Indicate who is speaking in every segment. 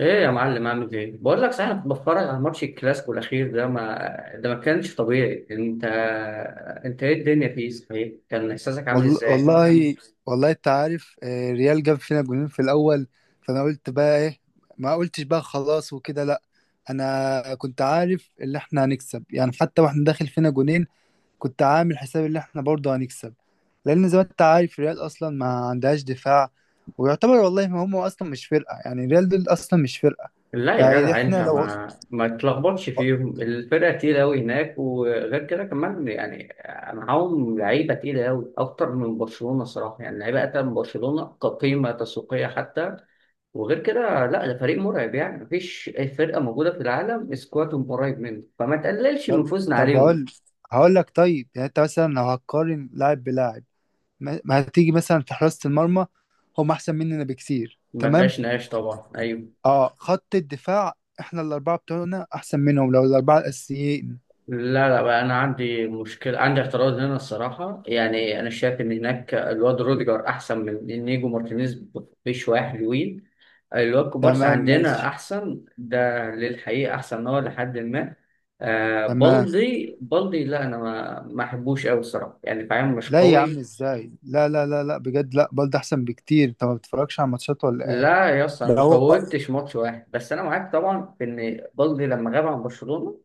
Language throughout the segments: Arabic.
Speaker 1: ايه يا معلم، عامل ايه؟ بقول لك، صحيح أنا كنت بتفرج على ماتش الكلاسيكو الاخير ده ما كانش طبيعي. انت ايه الدنيا فيه، صحيح؟ كان احساسك عامل
Speaker 2: والله
Speaker 1: ازاي؟
Speaker 2: والله والله انت عارف ريال جاب فينا جونين في الاول. فانا قلت بقى ايه؟ ما قلتش بقى خلاص وكده، لا. انا كنت عارف ان احنا هنكسب، يعني حتى واحنا داخل فينا جونين كنت عامل حساب ان احنا برضه هنكسب، لان زي ما انت عارف ريال اصلا ما عندهاش دفاع. ويعتبر والله ما هم اصلا مش فرقه، يعني ريال دول اصلا مش فرقه.
Speaker 1: لا يا
Speaker 2: يعني
Speaker 1: جدع،
Speaker 2: احنا
Speaker 1: انت
Speaker 2: لو
Speaker 1: ما تلخبطش فيهم، الفرقه تقيله قوي هناك، وغير كده كمان يعني، معاهم لعيبه تقيله قوي اكتر من برشلونه صراحه، يعني لعيبه اكتر من برشلونه كقيمه تسويقيه حتى. وغير كده، لا، ده فريق مرعب يعني، مفيش أي فرقه موجوده في العالم سكوادهم قريب منه، فما تقللش
Speaker 2: طب
Speaker 1: من فوزنا
Speaker 2: طب هقول
Speaker 1: عليهم.
Speaker 2: هقول لك طيب، يعني انت مثلا لو هتقارن لاعب بلاعب ما هتيجي مثلا في حراسة المرمى هم احسن مننا بكتير.
Speaker 1: ما
Speaker 2: تمام.
Speaker 1: فيهاش نقاش طبعا، ايوه.
Speaker 2: اه، خط الدفاع احنا الاربعة بتوعنا احسن منهم، لو الاربعة الاساسيين.
Speaker 1: لا لا بقى، انا عندي مشكله، عندي اعتراض هنا الصراحه يعني، انا شايف ان هناك الواد روديجر احسن من نيجو مارتينيز بشويه حلوين. الواد كوبارسي
Speaker 2: تمام
Speaker 1: عندنا
Speaker 2: ماشي.
Speaker 1: احسن، ده للحقيقه احسن هو، لحد ما آه
Speaker 2: تمام.
Speaker 1: بالدي بالدي. لا انا ما احبوش قوي الصراحه يعني، فاهم؟ مش
Speaker 2: لا يا عم
Speaker 1: قوي.
Speaker 2: ازاي، لا لا لا لا بجد، لا بلد احسن بكتير. انت ما بتتفرجش على ماتشات ولا ايه؟
Speaker 1: لا يا اسطى، انا
Speaker 2: ده
Speaker 1: ما
Speaker 2: هو.
Speaker 1: فوتش ماتش واحد، بس انا معاك طبعا في ان بالدي لما غاب عن برشلونه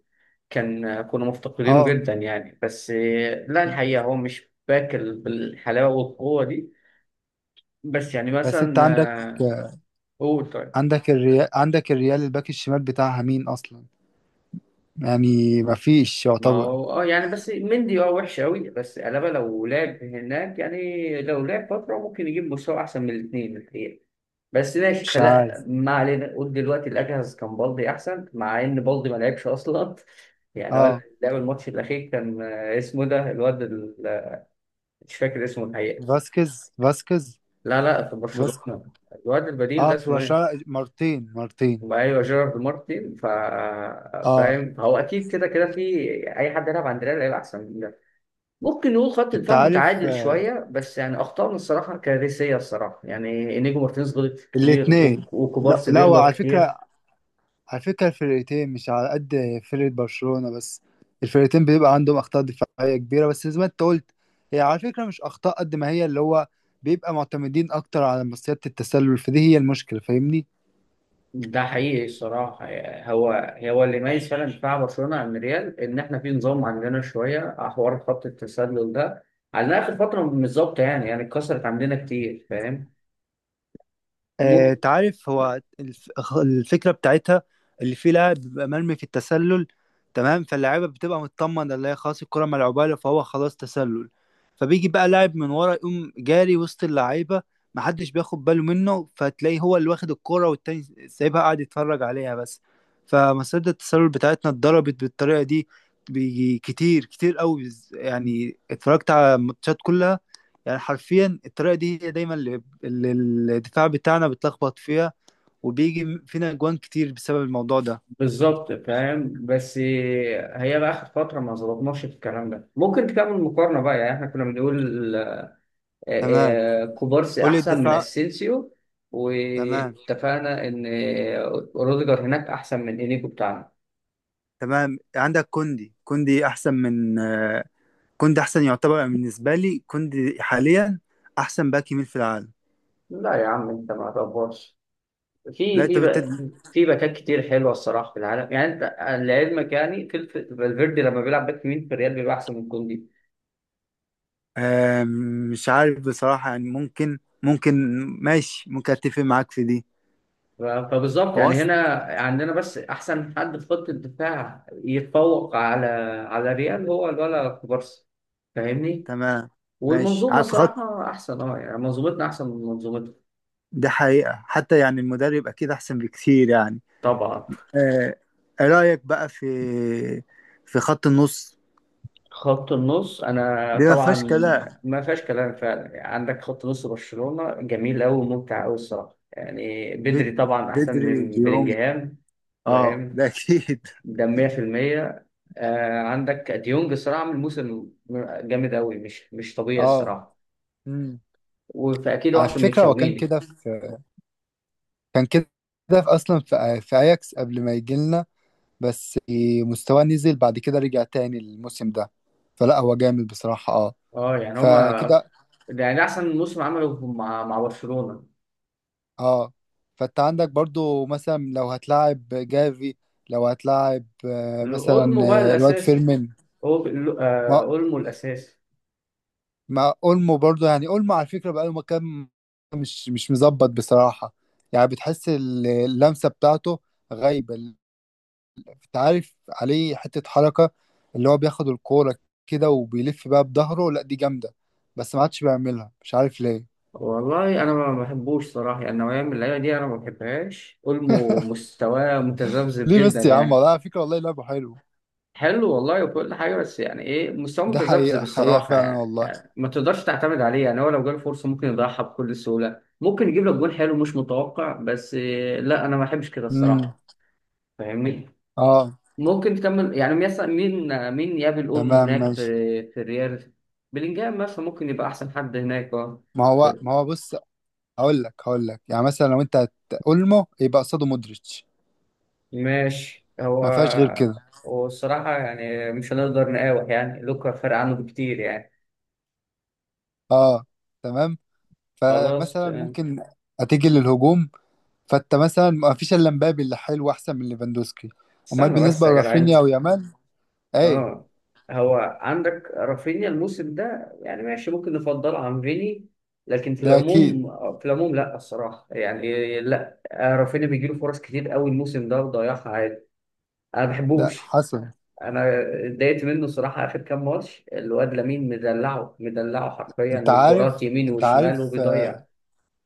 Speaker 1: كنا مفتقدينه
Speaker 2: اه،
Speaker 1: جدا يعني، بس لا الحقيقة هو مش باكل بالحلاوة والقوة دي. بس يعني
Speaker 2: بس انت
Speaker 1: مثلا،
Speaker 2: عندك
Speaker 1: آه، قول. طيب
Speaker 2: عندك الريال عندك الريال الباك الشمال بتاعها مين اصلا؟ يعني ما فيش
Speaker 1: ما
Speaker 2: يعتبر.
Speaker 1: هو يعني، بس مندي وحش قوي، بس ألابا لو لعب هناك يعني، لو لعب فترة ممكن يجيب مستوى أحسن من الاثنين الحقيقة. بس ماشي،
Speaker 2: مش
Speaker 1: خلا
Speaker 2: عارف.
Speaker 1: ما علينا، قول دلوقتي الأجهز كان بالدي أحسن مع إن بالدي ما لعبش أصلا. يعني هو
Speaker 2: اه،
Speaker 1: لعب الماتش الأخير، كان اسمه ده الواد مش فاكر اسمه الحقيقة.
Speaker 2: فاسكيز.
Speaker 1: لا لا، في برشلونة. الواد البديل
Speaker 2: اه،
Speaker 1: ده
Speaker 2: في
Speaker 1: اسمه ايه؟
Speaker 2: برشلونة مرتين مرتين.
Speaker 1: ايوه، جيرارد مارتن. فا
Speaker 2: اه،
Speaker 1: فاهم هو، اكيد كده كده، في اي حد يلعب عند ريال هيبقى احسن من ده. ممكن نقول خط
Speaker 2: انت
Speaker 1: دفاع
Speaker 2: عارف
Speaker 1: متعادل
Speaker 2: آه،
Speaker 1: شويه، بس يعني اخطائنا الصراحه كارثيه الصراحه، يعني انيجو مارتينيز غلط كتير، و-
Speaker 2: الاتنين. لا
Speaker 1: وكوبارسي
Speaker 2: لا،
Speaker 1: بيغلط
Speaker 2: وعلى
Speaker 1: كتير.
Speaker 2: فكرة على فكرة الفرقتين مش على قد فرقة برشلونة بس. الفرقتين بيبقى عندهم أخطاء دفاعية كبيرة، بس زي ما انت قلت هي على فكرة مش أخطاء قد ما هي اللي هو بيبقى معتمدين أكتر على مصيدة التسلل، فدي هي المشكلة. فاهمني؟
Speaker 1: ده حقيقي الصراحة، هو هو اللي يميز فعلا دفاع برشلونة عن ريال، إن إحنا في نظام عندنا شوية حوار خط التسلل ده، على آخر فترة مش ظابطة يعني اتكسرت عندنا كتير، فاهم؟ ممكن.
Speaker 2: تعرف، الفكرة بتاعتها اللي فيه لاعب بيبقى مرمي في التسلل. تمام، فاللاعيبة بتبقى مطمنة اللي هي خلاص الكرة ملعوبة له فهو خلاص تسلل. فبيجي بقى لاعب من ورا يقوم جاري وسط اللعيبة، محدش بياخد باله منه، فتلاقيه هو اللي واخد الكرة، والتاني سايبها قاعد يتفرج عليها بس. فمصيدة التسلل بتاعتنا اتضربت بالطريقة دي. بيجي كتير كتير قوي، يعني اتفرجت على الماتشات كلها. يعني حرفيا الطريقة دي هي دايما اللي الدفاع بتاعنا بيتلخبط فيها، وبيجي فينا اجوان كتير بسبب الموضوع ده.
Speaker 1: بالظبط فاهم، بس هي بقى اخر فتره ما ظبطناش في الكلام ده. ممكن تعمل مقارنه بقى، يعني احنا كنا بنقول
Speaker 2: تمام.
Speaker 1: كوبارسي
Speaker 2: قول لي
Speaker 1: احسن من
Speaker 2: الدفاع.
Speaker 1: اسينسيو،
Speaker 2: تمام
Speaker 1: واتفقنا ان روديجر هناك احسن من انيجو بتاعنا.
Speaker 2: تمام. عندك كوندي احسن من كوندي احسن، يعتبر بالنسبه لي كوندي حاليا احسن باك يمين في العالم.
Speaker 1: لا يا عم، انت ما تقفرش،
Speaker 2: لا
Speaker 1: في
Speaker 2: انت
Speaker 1: في
Speaker 2: بت...
Speaker 1: بقى، في باكات كتير حلوه الصراحه في العالم يعني انت، لعلمك يعني، فالفيردي لما بيلعب باك يمين في الريال بيبقى احسن من كوندي.
Speaker 2: آه، مش عارف بصراحه، يعني ممكن. ماشي، ممكن اتفق معاك في دي.
Speaker 1: فبالظبط
Speaker 2: هو
Speaker 1: يعني، هنا
Speaker 2: اصلا
Speaker 1: عندنا بس احسن حد في خط الدفاع يتفوق على ريال هو الولا كوبارسي، فاهمني؟
Speaker 2: تمام ماشي.
Speaker 1: والمنظومه
Speaker 2: عارف خط
Speaker 1: الصراحه احسن يعني، منظومتنا احسن من منظومتهم
Speaker 2: ده حقيقه حتى، يعني المدرب اكيد احسن بكتير يعني.
Speaker 1: طبعا.
Speaker 2: آه، رايك بقى في خط النص؟
Speaker 1: خط النص، انا
Speaker 2: دي ما
Speaker 1: طبعا
Speaker 2: فيهاش كلام.
Speaker 1: ما فيهاش كلام فعلا يعني. عندك خط نص برشلونه جميل قوي وممتع قوي الصراحه يعني، بدري
Speaker 2: بد...
Speaker 1: طبعا احسن
Speaker 2: بدري،
Speaker 1: من
Speaker 2: ديونج.
Speaker 1: بلينجهام،
Speaker 2: اه،
Speaker 1: فاهم؟
Speaker 2: ده اكيد
Speaker 1: ده 100%. عندك ديونج الصراحه عامل موسم جامد قوي، مش طبيعي
Speaker 2: اه
Speaker 1: الصراحه،
Speaker 2: امم
Speaker 1: وفاكيد هو
Speaker 2: على
Speaker 1: احسن من
Speaker 2: فكرة هو كان
Speaker 1: تشاوميني.
Speaker 2: كده في كان كده في اصلا في اياكس قبل ما يجي لنا. بس مستواه نزل بعد كده، رجع تاني الموسم ده. فلا هو جامد بصراحة، اه،
Speaker 1: اه يعني هما
Speaker 2: فكده،
Speaker 1: ده يعني احسن موسم عمله مع برشلونه.
Speaker 2: اه. فانت عندك برضو مثلا لو هتلاعب جافي، لو هتلاعب آه، مثلا
Speaker 1: اولمو بقى
Speaker 2: آه، الواد
Speaker 1: الاساسي
Speaker 2: فيرمين.
Speaker 1: هو.
Speaker 2: ما
Speaker 1: اولمو الاساسي.
Speaker 2: مع اولمو برضه، يعني اولمو على فكره بقاله كام مش مظبط بصراحه. يعني بتحس اللمسه بتاعته غايبه انت عارف عليه حته حركه اللي هو بياخد الكوره كده وبيلف بقى بظهره، لا دي جامده، بس ما عادش بيعملها، مش عارف ليه.
Speaker 1: والله انا ما بحبوش صراحه يعني، نوعيه من اللعيبه دي انا ما بحبهاش. اولمو مستواه متذبذب
Speaker 2: ليه
Speaker 1: جدا
Speaker 2: بس يا عم؟
Speaker 1: يعني،
Speaker 2: والله على فكره والله لعبه حلو.
Speaker 1: حلو والله وكل حاجه، بس يعني ايه، مستواه
Speaker 2: ده
Speaker 1: متذبذب
Speaker 2: حقيقه حقيقه
Speaker 1: الصراحه
Speaker 2: فعلا
Speaker 1: يعني،
Speaker 2: والله.
Speaker 1: ما تقدرش تعتمد عليه. يعني هو لو جاله فرصه ممكن يضيعها بكل سهوله، ممكن يجيب لك جول حلو مش متوقع، بس لا انا ما بحبش كده
Speaker 2: امم
Speaker 1: الصراحه، فاهمني؟
Speaker 2: اه
Speaker 1: ممكن تكمل. يعني مثلا مين يقابل اولمو
Speaker 2: تمام
Speaker 1: هناك في
Speaker 2: ماشي.
Speaker 1: في الريال؟ بلينجهام مثلا ممكن يبقى احسن حد هناك، اه
Speaker 2: ما هو بص، هقول لك يعني مثلا لو انت اولمو يبقى قصاده مودريتش،
Speaker 1: ماشي. هو
Speaker 2: ما فيهاش غير كده.
Speaker 1: هو الصراحة يعني، مش هنقدر نقاوح يعني، لوكا فرق عنه بكتير يعني.
Speaker 2: اه، تمام.
Speaker 1: خلاص
Speaker 2: فمثلا
Speaker 1: تمام.
Speaker 2: ممكن هتيجي للهجوم، فانت مثلا ما فيش الا مبابي اللي حلو، احسن من ليفاندوسكي. امال
Speaker 1: استنى بس
Speaker 2: بالنسبه
Speaker 1: يا جدع، انت!
Speaker 2: لرافينيا ويامال ايه؟
Speaker 1: اه هو عندك رافينيا الموسم ده يعني ماشي، ممكن نفضله عن فيني، لكن في
Speaker 2: ده اكيد.
Speaker 1: العموم في العموم لا الصراحه يعني، لا رافينيا بيجيله فرص كتير قوي الموسم ده وضيعها عادي. انا ما
Speaker 2: ده
Speaker 1: بحبوش.
Speaker 2: حصل.
Speaker 1: انا اتضايقت منه الصراحه اخر كام ماتش. الواد لامين مدلعه مدلعه حرفيا،
Speaker 2: انت عارف
Speaker 1: وكرات يمين
Speaker 2: انت عارف
Speaker 1: وشمال
Speaker 2: آه،
Speaker 1: وبيضيع.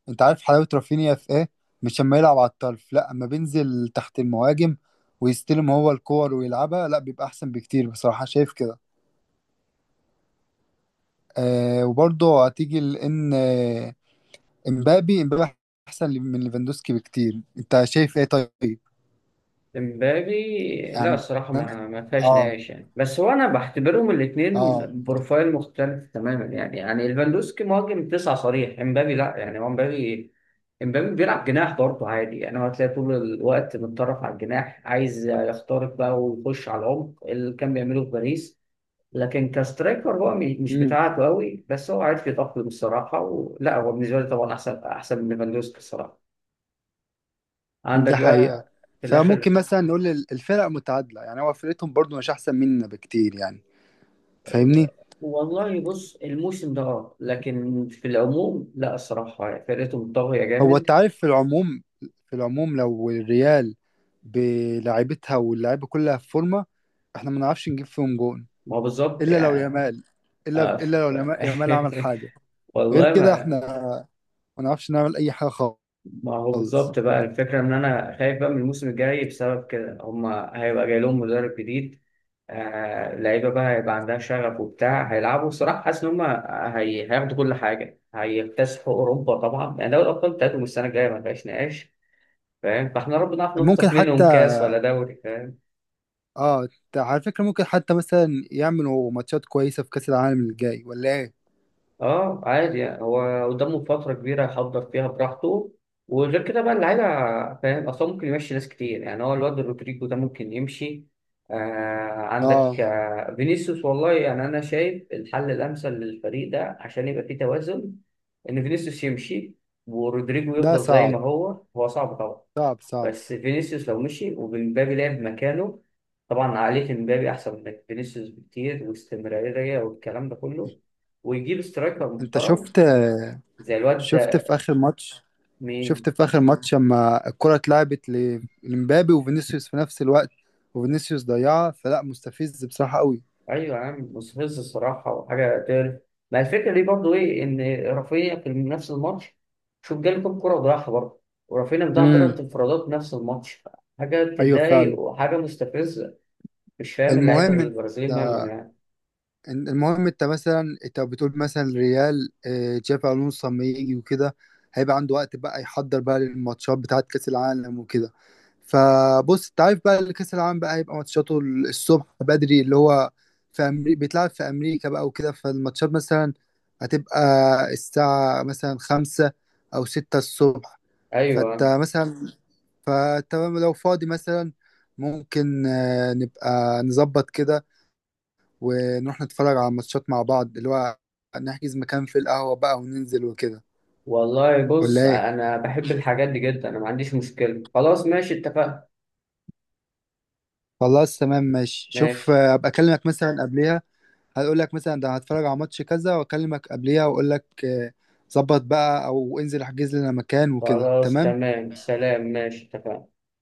Speaker 2: انت عارف حلاوه رافينيا في ايه. مش لما يلعب على الطرف، لا، اما بينزل تحت المهاجم ويستلم هو الكور ويلعبها، لا بيبقى احسن بكتير بصراحه. شايف كده؟ آه، وبرضه هتيجي لان امبابي احسن من ليفاندوسكي بكتير. انت شايف ايه طيب؟
Speaker 1: امبابي لا
Speaker 2: عمان.
Speaker 1: الصراحة ما فيهاش
Speaker 2: اه
Speaker 1: نقاش يعني، بس هو أنا بعتبرهم الاتنين
Speaker 2: اه
Speaker 1: بروفايل مختلف تماما يعني ليفاندوسكي مهاجم تسعة صريح، امبابي لا يعني، هو امبابي بيلعب جناح برضه عادي يعني. هو هتلاقي طول الوقت متطرف على الجناح، عايز يخترق بقى ويخش على العمق اللي كان بيعمله في باريس، لكن كسترايكر هو مش
Speaker 2: امم
Speaker 1: بتاعته قوي، بس هو عارف يتأقلم الصراحة. ولا هو بالنسبة لي طبعا أحسن من ليفاندوسكي الصراحة. عندك
Speaker 2: ده حقيقة.
Speaker 1: بقى في
Speaker 2: فممكن
Speaker 1: الآخر،
Speaker 2: مثلا نقول الفرق متعادلة، يعني هو فرقتهم برضو مش أحسن مننا بكتير يعني. فاهمني؟
Speaker 1: والله بص الموسم ده لكن في العموم لا الصراحة فرقته منطوية
Speaker 2: هو أنت
Speaker 1: جامد.
Speaker 2: عارف، في العموم، لو الريال بلاعيبتها واللعيبة كلها في فورمة احنا ما نعرفش نجيب فيهم جون،
Speaker 1: ما هو بالظبط
Speaker 2: إلا لو
Speaker 1: يعني،
Speaker 2: يامال،
Speaker 1: آه، ف-
Speaker 2: يامال عمل حاجة. غير
Speaker 1: والله
Speaker 2: كده احنا
Speaker 1: ما.
Speaker 2: ما نعرفش نعمل أي حاجة
Speaker 1: ما هو
Speaker 2: خالص.
Speaker 1: بالظبط بقى الفكرة، إن أنا خايف بقى من الموسم الجاي بسبب كده. هما هيبقى جاي لهم مدرب جديد، لعيبة بقى هيبقى عندها شغف وبتاع، هيلعبوا الصراحة. حاسس إن هما هياخدوا كل حاجة، هيكتسحوا أوروبا طبعا يعني. دوري الأبطال بتاعتهم السنة الجاية ما فيهاش نقاش، فاهم؟ فاحنا ربنا نعرف
Speaker 2: ممكن
Speaker 1: نخطف منهم
Speaker 2: حتى،
Speaker 1: كاس ولا دوري، فاهم؟
Speaker 2: على فكرة ممكن حتى مثلا يعملوا ماتشات كويسة في كأس العالم الجاي، ولا ايه؟
Speaker 1: اه عادي يعني، هو قدامه فترة كبيرة يحضر فيها براحته، وغير كده بقى اللعيبة، فاهم؟ أصلا ممكن يمشي ناس كتير يعني، هو الواد رودريجو ده ممكن يمشي. آه
Speaker 2: اه.
Speaker 1: عندك فينيسيوس، والله يعني أنا شايف الحل الأمثل للفريق ده عشان يبقى فيه توازن، إن فينيسيوس يمشي، ورودريجو
Speaker 2: ده
Speaker 1: يفضل زي
Speaker 2: صعب
Speaker 1: ما هو. هو صعب طبعا،
Speaker 2: صعب صعب.
Speaker 1: بس فينيسيوس لو مشي ومبابي لعب مكانه، طبعا عقلية مبابي أحسن من فينيسيوس بكتير، واستمرارية والكلام ده كله، ويجيب سترايكر
Speaker 2: انت
Speaker 1: محترم
Speaker 2: شفت؟
Speaker 1: زي الواد
Speaker 2: شفت
Speaker 1: ده.
Speaker 2: في اخر ماتش
Speaker 1: مين؟
Speaker 2: شفت في اخر ماتش لما الكرة اتلعبت لمبابي وفينيسيوس في نفس الوقت، وفينيسيوس ضيعها. فلا، مستفز بصراحة قوي.
Speaker 1: أيوة يا عم، مستفز الصراحة وحاجة تقرف. ما الفكرة دي برضه إيه؟ إن رافينيا في نفس الماتش، شوف، جالكم كرة وضيعها برضه، ورافينيا مضيع
Speaker 2: امم.
Speaker 1: تلات انفرادات نفس الماتش. حاجة
Speaker 2: ايوه فعلا.
Speaker 1: بتضايق وحاجة مستفزة. مش فاهم اللعيبة
Speaker 2: المهم انت
Speaker 1: البرازيليين مالهم يعني.
Speaker 2: المهم انت مثلا انت بتقول مثلا ريال، تشافي الونسو لما يجي وكده هيبقى عنده وقت بقى يحضر بقى للماتشات بتاعت كاس العالم وكده. فبص، انت عارف بقى، اللي كاس العالم بقى هيبقى ماتشاته الصبح بدري، اللي هو في أمريكا، بيتلعب في امريكا بقى وكده. فالماتشات مثلا هتبقى الساعة مثلا 5 او 6 الصبح. فانت
Speaker 1: أيوة،
Speaker 2: مثلا فانت لو فاضي مثلا ممكن نبقى نظبط كده ونروح نتفرج على ماتشات مع بعض، اللي هو نحجز مكان في القهوة بقى وننزل وكده،
Speaker 1: والله
Speaker 2: ولا
Speaker 1: بص،
Speaker 2: ايه؟
Speaker 1: انا بحب الحاجات دي جدا، انا ما عنديش مشكلة، خلاص ماشي اتفقنا.
Speaker 2: خلاص تمام ماشي. شوف،
Speaker 1: ماشي
Speaker 2: ابقى اكلمك مثلا قبليها. هقول لك مثلا ده هتفرج على ماتش كذا، واكلمك قبليها واقول لك ظبط بقى، او انزل احجز لنا مكان وكده.
Speaker 1: خلاص
Speaker 2: تمام.
Speaker 1: تمام، سلام ماشي اتفقنا.